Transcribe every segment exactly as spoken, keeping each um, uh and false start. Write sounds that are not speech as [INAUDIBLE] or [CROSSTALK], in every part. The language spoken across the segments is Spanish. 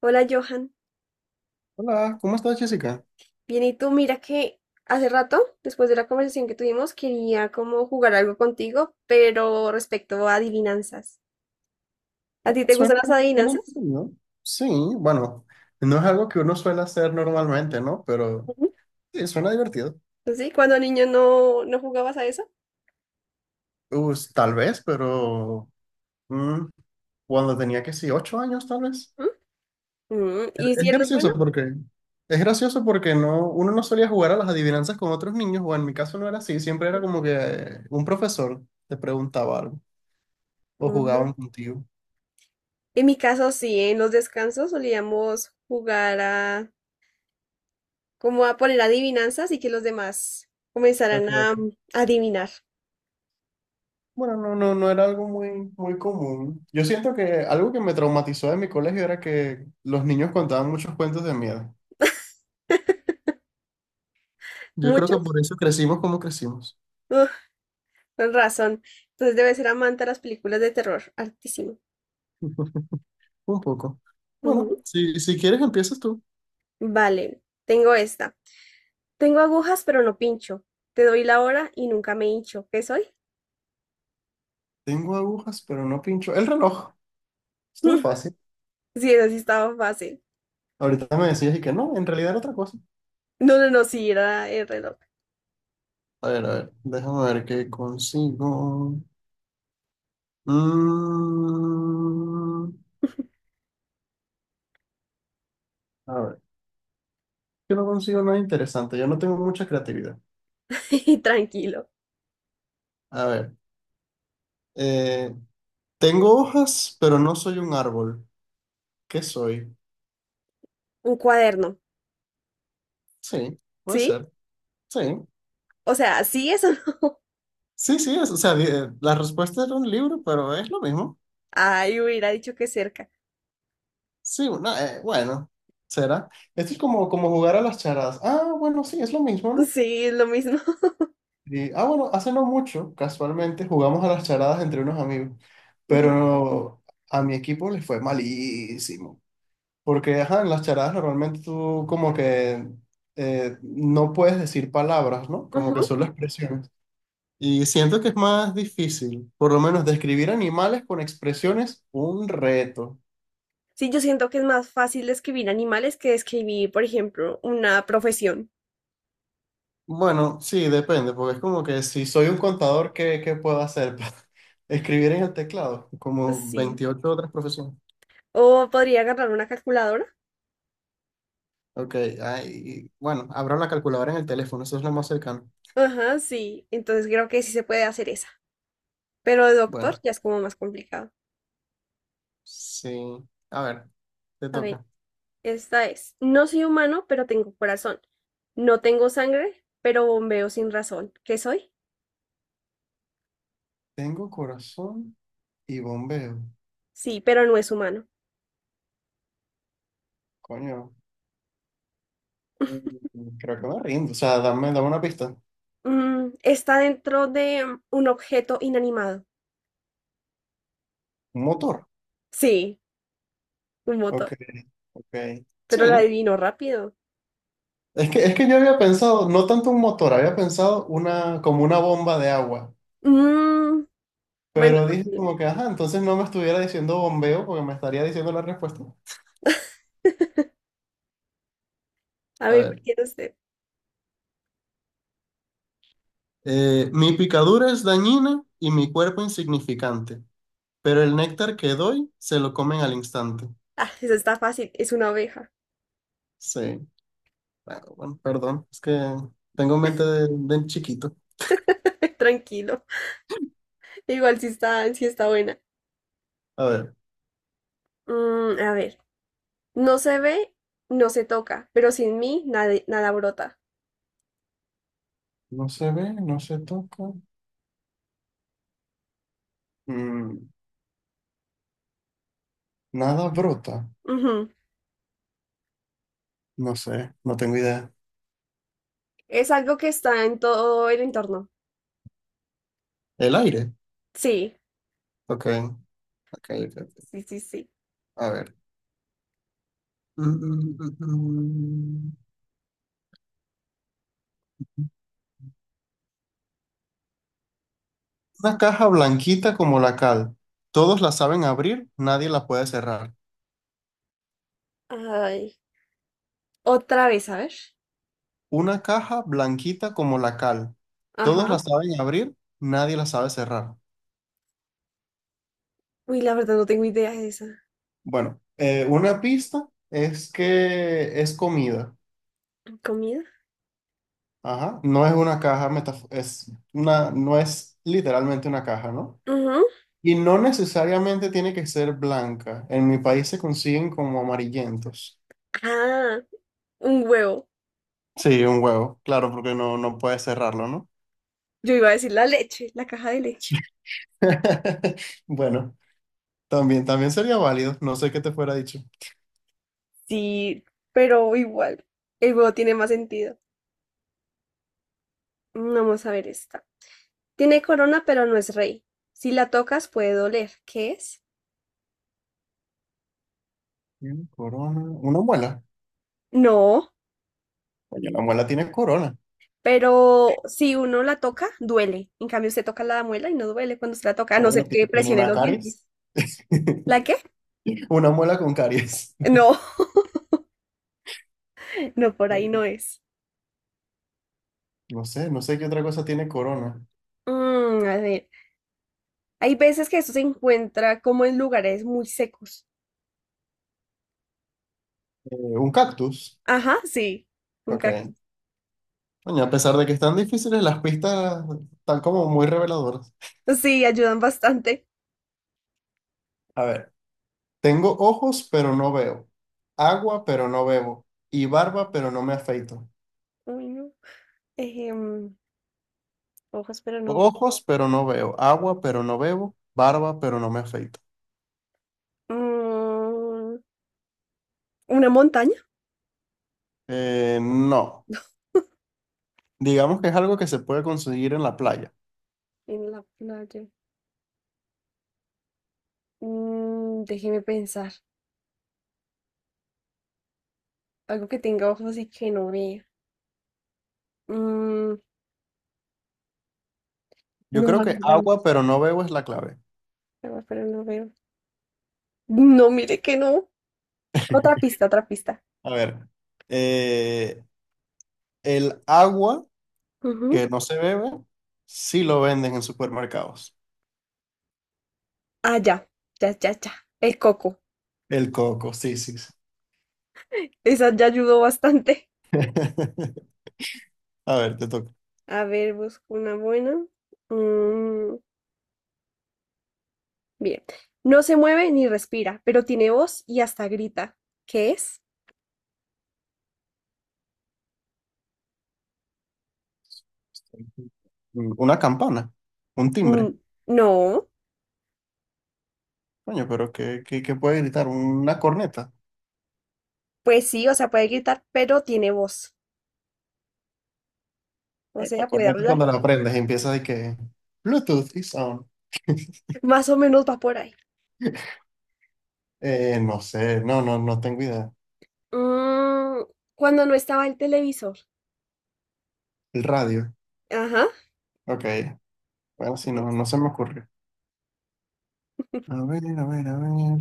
Hola Johan, Hola, ¿cómo estás, Jessica? bien y tú, mira que hace rato, después de la conversación que tuvimos, quería como jugar algo contigo, pero respecto a adivinanzas. ¿A Ah, ti te Suena, gustan las suena adivinanzas? entretenido. Sí, bueno, no es algo que uno suele hacer normalmente, ¿no? Pero Ujú. sí, suena divertido. ¿Sí? ¿Cuando niño no, no jugabas a eso? Pues, tal vez, pero mm, cuando tenía que sí, ocho años, tal vez. ¿Mm? Mm, Es ¿Y si es eres bueno? gracioso porque es gracioso porque no, uno no solía jugar a las adivinanzas con otros niños, o en mi caso no era así. Siempre era como que eh, un profesor te preguntaba algo o Mm. jugaban contigo. En mi caso sí, en los descansos solíamos jugar a como a poner adivinanzas y que los demás comenzaran a adivinar. Bueno, no, no, no era algo muy, muy común. Yo siento que algo que me traumatizó de mi colegio era que los niños contaban muchos cuentos de miedo. [LAUGHS] Yo creo que ¿Muchos? por eso crecimos como crecimos. Con razón. Entonces debe ser amante a las películas de terror. Altísimo. [LAUGHS] Un poco. Bueno, Ujú. si, si quieres empiezas tú. Vale, tengo esta. Tengo agujas, pero no pincho. Te doy la hora y nunca me hincho. ¿Qué soy? Tengo agujas, pero no pincho. El reloj. Estuvo [LAUGHS] fácil. Sí, eso sí estaba fácil. Ahorita me decías y que no, en realidad era otra cosa. No, no, no, sí, era el reloj. A ver, a ver, déjame ver qué consigo. Mm, a ver, yo no consigo nada interesante. Yo no tengo mucha creatividad. [LAUGHS] Tranquilo. A ver, eh, tengo hojas, pero no soy un árbol. ¿Qué soy? Un cuaderno. Sí, puede ¿Sí? ser. Sí. O sea, sí, eso no. [LAUGHS] Sí, sí, es- o sea, di- eh, la respuesta era un libro, pero es lo mismo. Ay, hubiera dicho que cerca. Sí, una, eh, bueno, será. Esto es como, como jugar a las charadas. Ah, bueno, sí, es lo mismo, ¿no? Sí, es lo mismo. Y, ah, bueno, hace no mucho, casualmente, jugamos a las charadas entre unos amigos, [LAUGHS] Ujú, pero a mi equipo le fue malísimo. Porque, ajá, en las charadas normalmente tú como que eh, no puedes decir palabras, ¿no? Como que ujú. solo expresiones. Y siento que es más difícil, por lo menos describir animales con expresiones, un reto. Sí, yo siento que es más fácil escribir animales que escribir por ejemplo, una profesión. Bueno, sí, depende, porque es como que si soy un contador, ¿qué, qué puedo hacer para [LAUGHS] escribir en el teclado? Como Sí. veintiocho otras profesiones. O podría agarrar una calculadora. Ok, ahí, bueno, abro la calculadora en el teléfono, eso es lo más cercano. Ajá, sí. Entonces creo que sí se puede hacer esa. Pero de Bueno, doctor ya es como más complicado. sí, a ver, te A ver, toca. esta es. No soy humano, pero tengo corazón. No tengo sangre, pero bombeo sin razón. ¿Qué soy? Tengo corazón y bombeo. Sí, pero no es humano. Coño, mm, creo que me rindo, o sea, dame, dame una pista. Mm, está dentro de mm, un objeto inanimado. Un motor. Sí, un Ok, motor. ok. Pero la Sí. adivino rápido. Es que, es que yo había pensado, no tanto un motor, había pensado una, como una bomba de agua. Mm, bueno, Pero dije también. como que, ajá, entonces no me estuviera diciendo bombeo porque me estaría diciendo la respuesta. [LAUGHS] A A ver, ¿cuál ver. quiere usted? eh, mi picadura es dañina y mi cuerpo insignificante, pero el néctar que doy se lo comen al instante. Ah, esa está fácil. Es una oveja. Sí. Bueno, bueno, perdón, es que tengo mente de, de chiquito. [LAUGHS] Tranquilo. Igual sí está, sí está buena. A ver. Mm, a ver, no se ve, no se toca, pero sin mí nada, nada brota. No se ve, no se toca. Mm, nada brota. Ujú. No sé, no tengo idea. Es algo que está en todo el entorno. El aire. Sí, Ok, ok. Ok. Ok. sí, sí, sí. A ver. Mm, mm, mm, mm. mm. Una caja blanquita como la cal. Todos la saben abrir, nadie la puede cerrar. Ay, otra vez, a ver. Una caja blanquita como la cal. Todos la Ajá. saben abrir, nadie la sabe cerrar. Uy, la verdad no tengo idea de esa. Bueno, eh, una pista es que es comida. ¿Comida? Ajá. No es una caja metaf- es una, no es literalmente una caja, ¿no? Ujú. Y no necesariamente tiene que ser blanca. En mi país se consiguen como amarillentos. Ah, un huevo. Sí, un huevo, claro, porque no, no puedes cerrarlo, ¿no? Yo iba a decir la leche, la caja de leche. [LAUGHS] Bueno, también, también sería válido. No sé qué te fuera dicho. Sí, pero igual, el huevo tiene más sentido. Vamos a ver esta. Tiene corona, pero no es rey. Si la tocas puede doler. ¿Qué es? Tiene corona, una muela. No, Coño, una muela tiene corona. pero si uno la toca, duele. En cambio, usted toca la muela y no duele cuando se la toca, a Ah, no bueno, ser ti- que tiene presione una los caries. dientes. ¿La qué? [LAUGHS] Una muela con caries. [LAUGHS] No, [LAUGHS] no, por ahí no es. No sé, no sé qué otra cosa tiene corona. Mm, a ver, hay veces que esto se encuentra como en lugares muy secos. Eh, un cactus. Ajá, sí, un Ok. cactus. Coño, a pesar de que están difíciles, las pistas están como muy reveladoras. Sí, ayudan bastante. A ver. Tengo ojos, pero no veo. Agua, pero no bebo. Y barba, pero no me afeito. Uy, no. Ejem, hojas, pero no. Ojos, pero no veo. Agua, pero no bebo. Barba, pero no me afeito. Mm, ¿una montaña? Eh, no. Digamos que es algo que se puede conseguir en la playa. En la playa. Mm, déjeme pensar. Algo que tenga ojos y que no vea. Mm, Yo no, creo la que verdad no. agua, pero no bebo es la clave. Pero pero no veo. No, mire que no. Otra pista, otra pista. A ver. eh, el agua Ujú. que no se bebe, sí lo venden en supermercados. Ah, ya. Ya, ya, ya. El coco. El coco, sí, sí, sí. Esa ya ayudó bastante. [LAUGHS] A ver, te toca. [LAUGHS] A ver, busco una buena. Mm, bien. No se mueve ni respira, pero tiene voz y hasta grita. ¿Qué es? Una campana, un Mm, timbre. no. Coño, pero ¿qué, qué, qué puede gritar? ¿Una corneta? Pues sí, o sea, puede gritar, pero tiene voz. O La sea, puede corneta hablar. cuando la aprendes empieza de que Bluetooth is on. Más o menos va por ahí. [LAUGHS] Eh, no sé, no, no, no tengo idea. Mm, cuando no estaba el televisor. El radio. Ajá. Ok, bueno, si Ese no, es. no se me ocurre. A ver, a ver, a ver.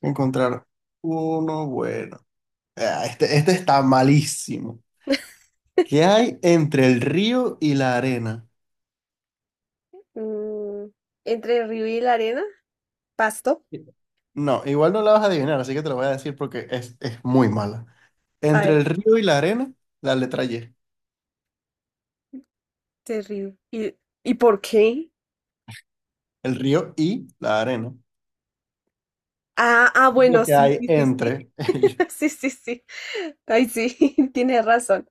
Encontrar uno bueno. Ah, este, este está malísimo. [LAUGHS] ¿Qué hay entre el río y la arena? Mm, entre el río y la arena. Pasto. No, igual no la vas a adivinar, así que te lo voy a decir porque es, es muy mala. A Entre ver. el río y la arena, la letra Y. Terrible. ¿Y, y por qué? El río y la arena. Ah, ah, Es lo bueno, que sí, hay sí, sí, sí. entre ellos. [LAUGHS] Sí, sí, sí. Ay, sí, [LAUGHS] tiene razón.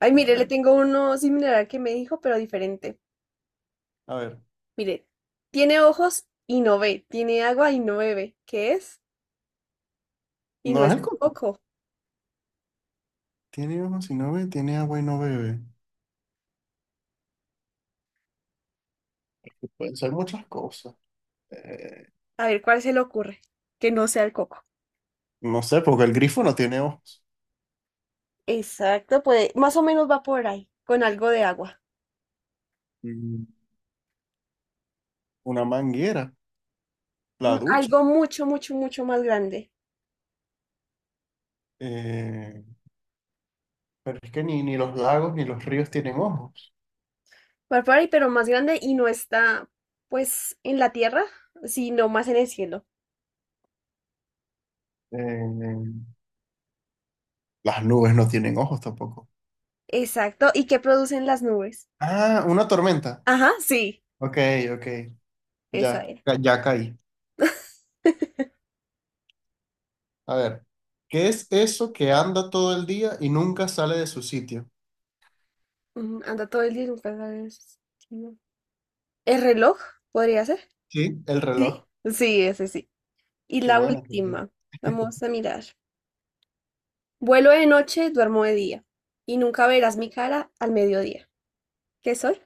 Ay, A mire, le ver, tengo uno similar al que me dijo, pero diferente. a ver. Mire, tiene ojos y no ve, tiene agua y no bebe. ¿Qué es? Y no No es es el el coco. coco. Tiene ojos y no ve, tiene agua y no bebe. Pueden ser muchas cosas. Eh, A ver, ¿cuál se le ocurre? Que no sea el coco. no sé, porque el grifo no tiene ojos. Exacto, puede, más o menos va por ahí, con algo de agua. Mm, Una manguera, Mm, la ducha. Algo mucho, mucho, mucho más grande. Eh, pero es que ni, ni los lagos ni los ríos tienen ojos. Va por ahí, pero más grande y no está, pues, en la tierra, sino más en el cielo. Eh, las nubes no tienen ojos tampoco. Exacto, ¿y qué producen las nubes? Ah, una tormenta. Ajá, sí, Ok, ok. Ya, esa era. ya caí. A ver, ¿qué es eso que anda todo el día y nunca sale de su sitio? Ujú, anda todo el día y nunca sabes. Si no. ¿El reloj? ¿Podría ser? Sí, el reloj. Sí. Sí, ese sí. Y Qué la bueno. Qué bueno. última, vamos a mirar. Vuelo de noche, duermo de día. Y nunca verás mi cara al mediodía. ¿Qué soy?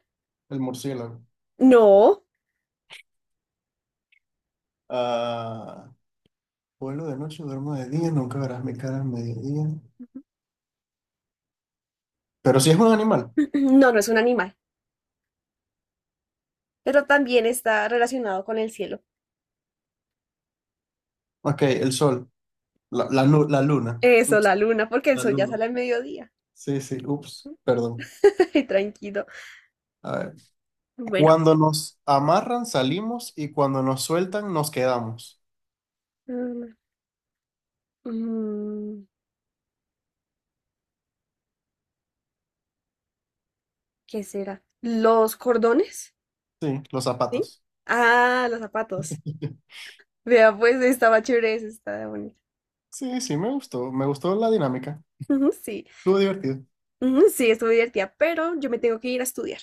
El murciélago. No. Ah, vuelo de noche, duermo de día, nunca verás mi cara al mediodía. Pero si es un animal. [CLEARS THROAT] No, no es un animal, pero también está relacionado con el cielo. Ok, el sol. La, la, nu- la luna. Eso, Ups, la luna, porque el la sol ya luna. sale al mediodía. Sí, sí, ups, perdón. [LAUGHS] Ay, tranquilo. A ver, Bueno, cuando nos amarran salimos y cuando nos sueltan nos quedamos. mm, mm, ¿qué será? ¿Los cordones? Sí, los ¿Sí? zapatos. Ah, los zapatos. [LAUGHS] Vea, pues estaba chévere, esa, estaba bonita. Sí, sí, me gustó. Me gustó la dinámica. Ujú, sí, Estuvo divertido. ujú, sí, estuvo divertida, pero yo me tengo que ir a estudiar.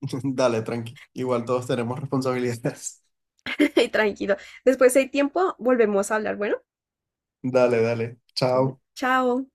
[LAUGHS] Dale, tranqui. Igual todos tenemos responsabilidades. [LAUGHS] Ay, tranquilo. Después, si hay tiempo, volvemos a hablar. Bueno, [LAUGHS] Dale, dale. ujú, Chao. chao.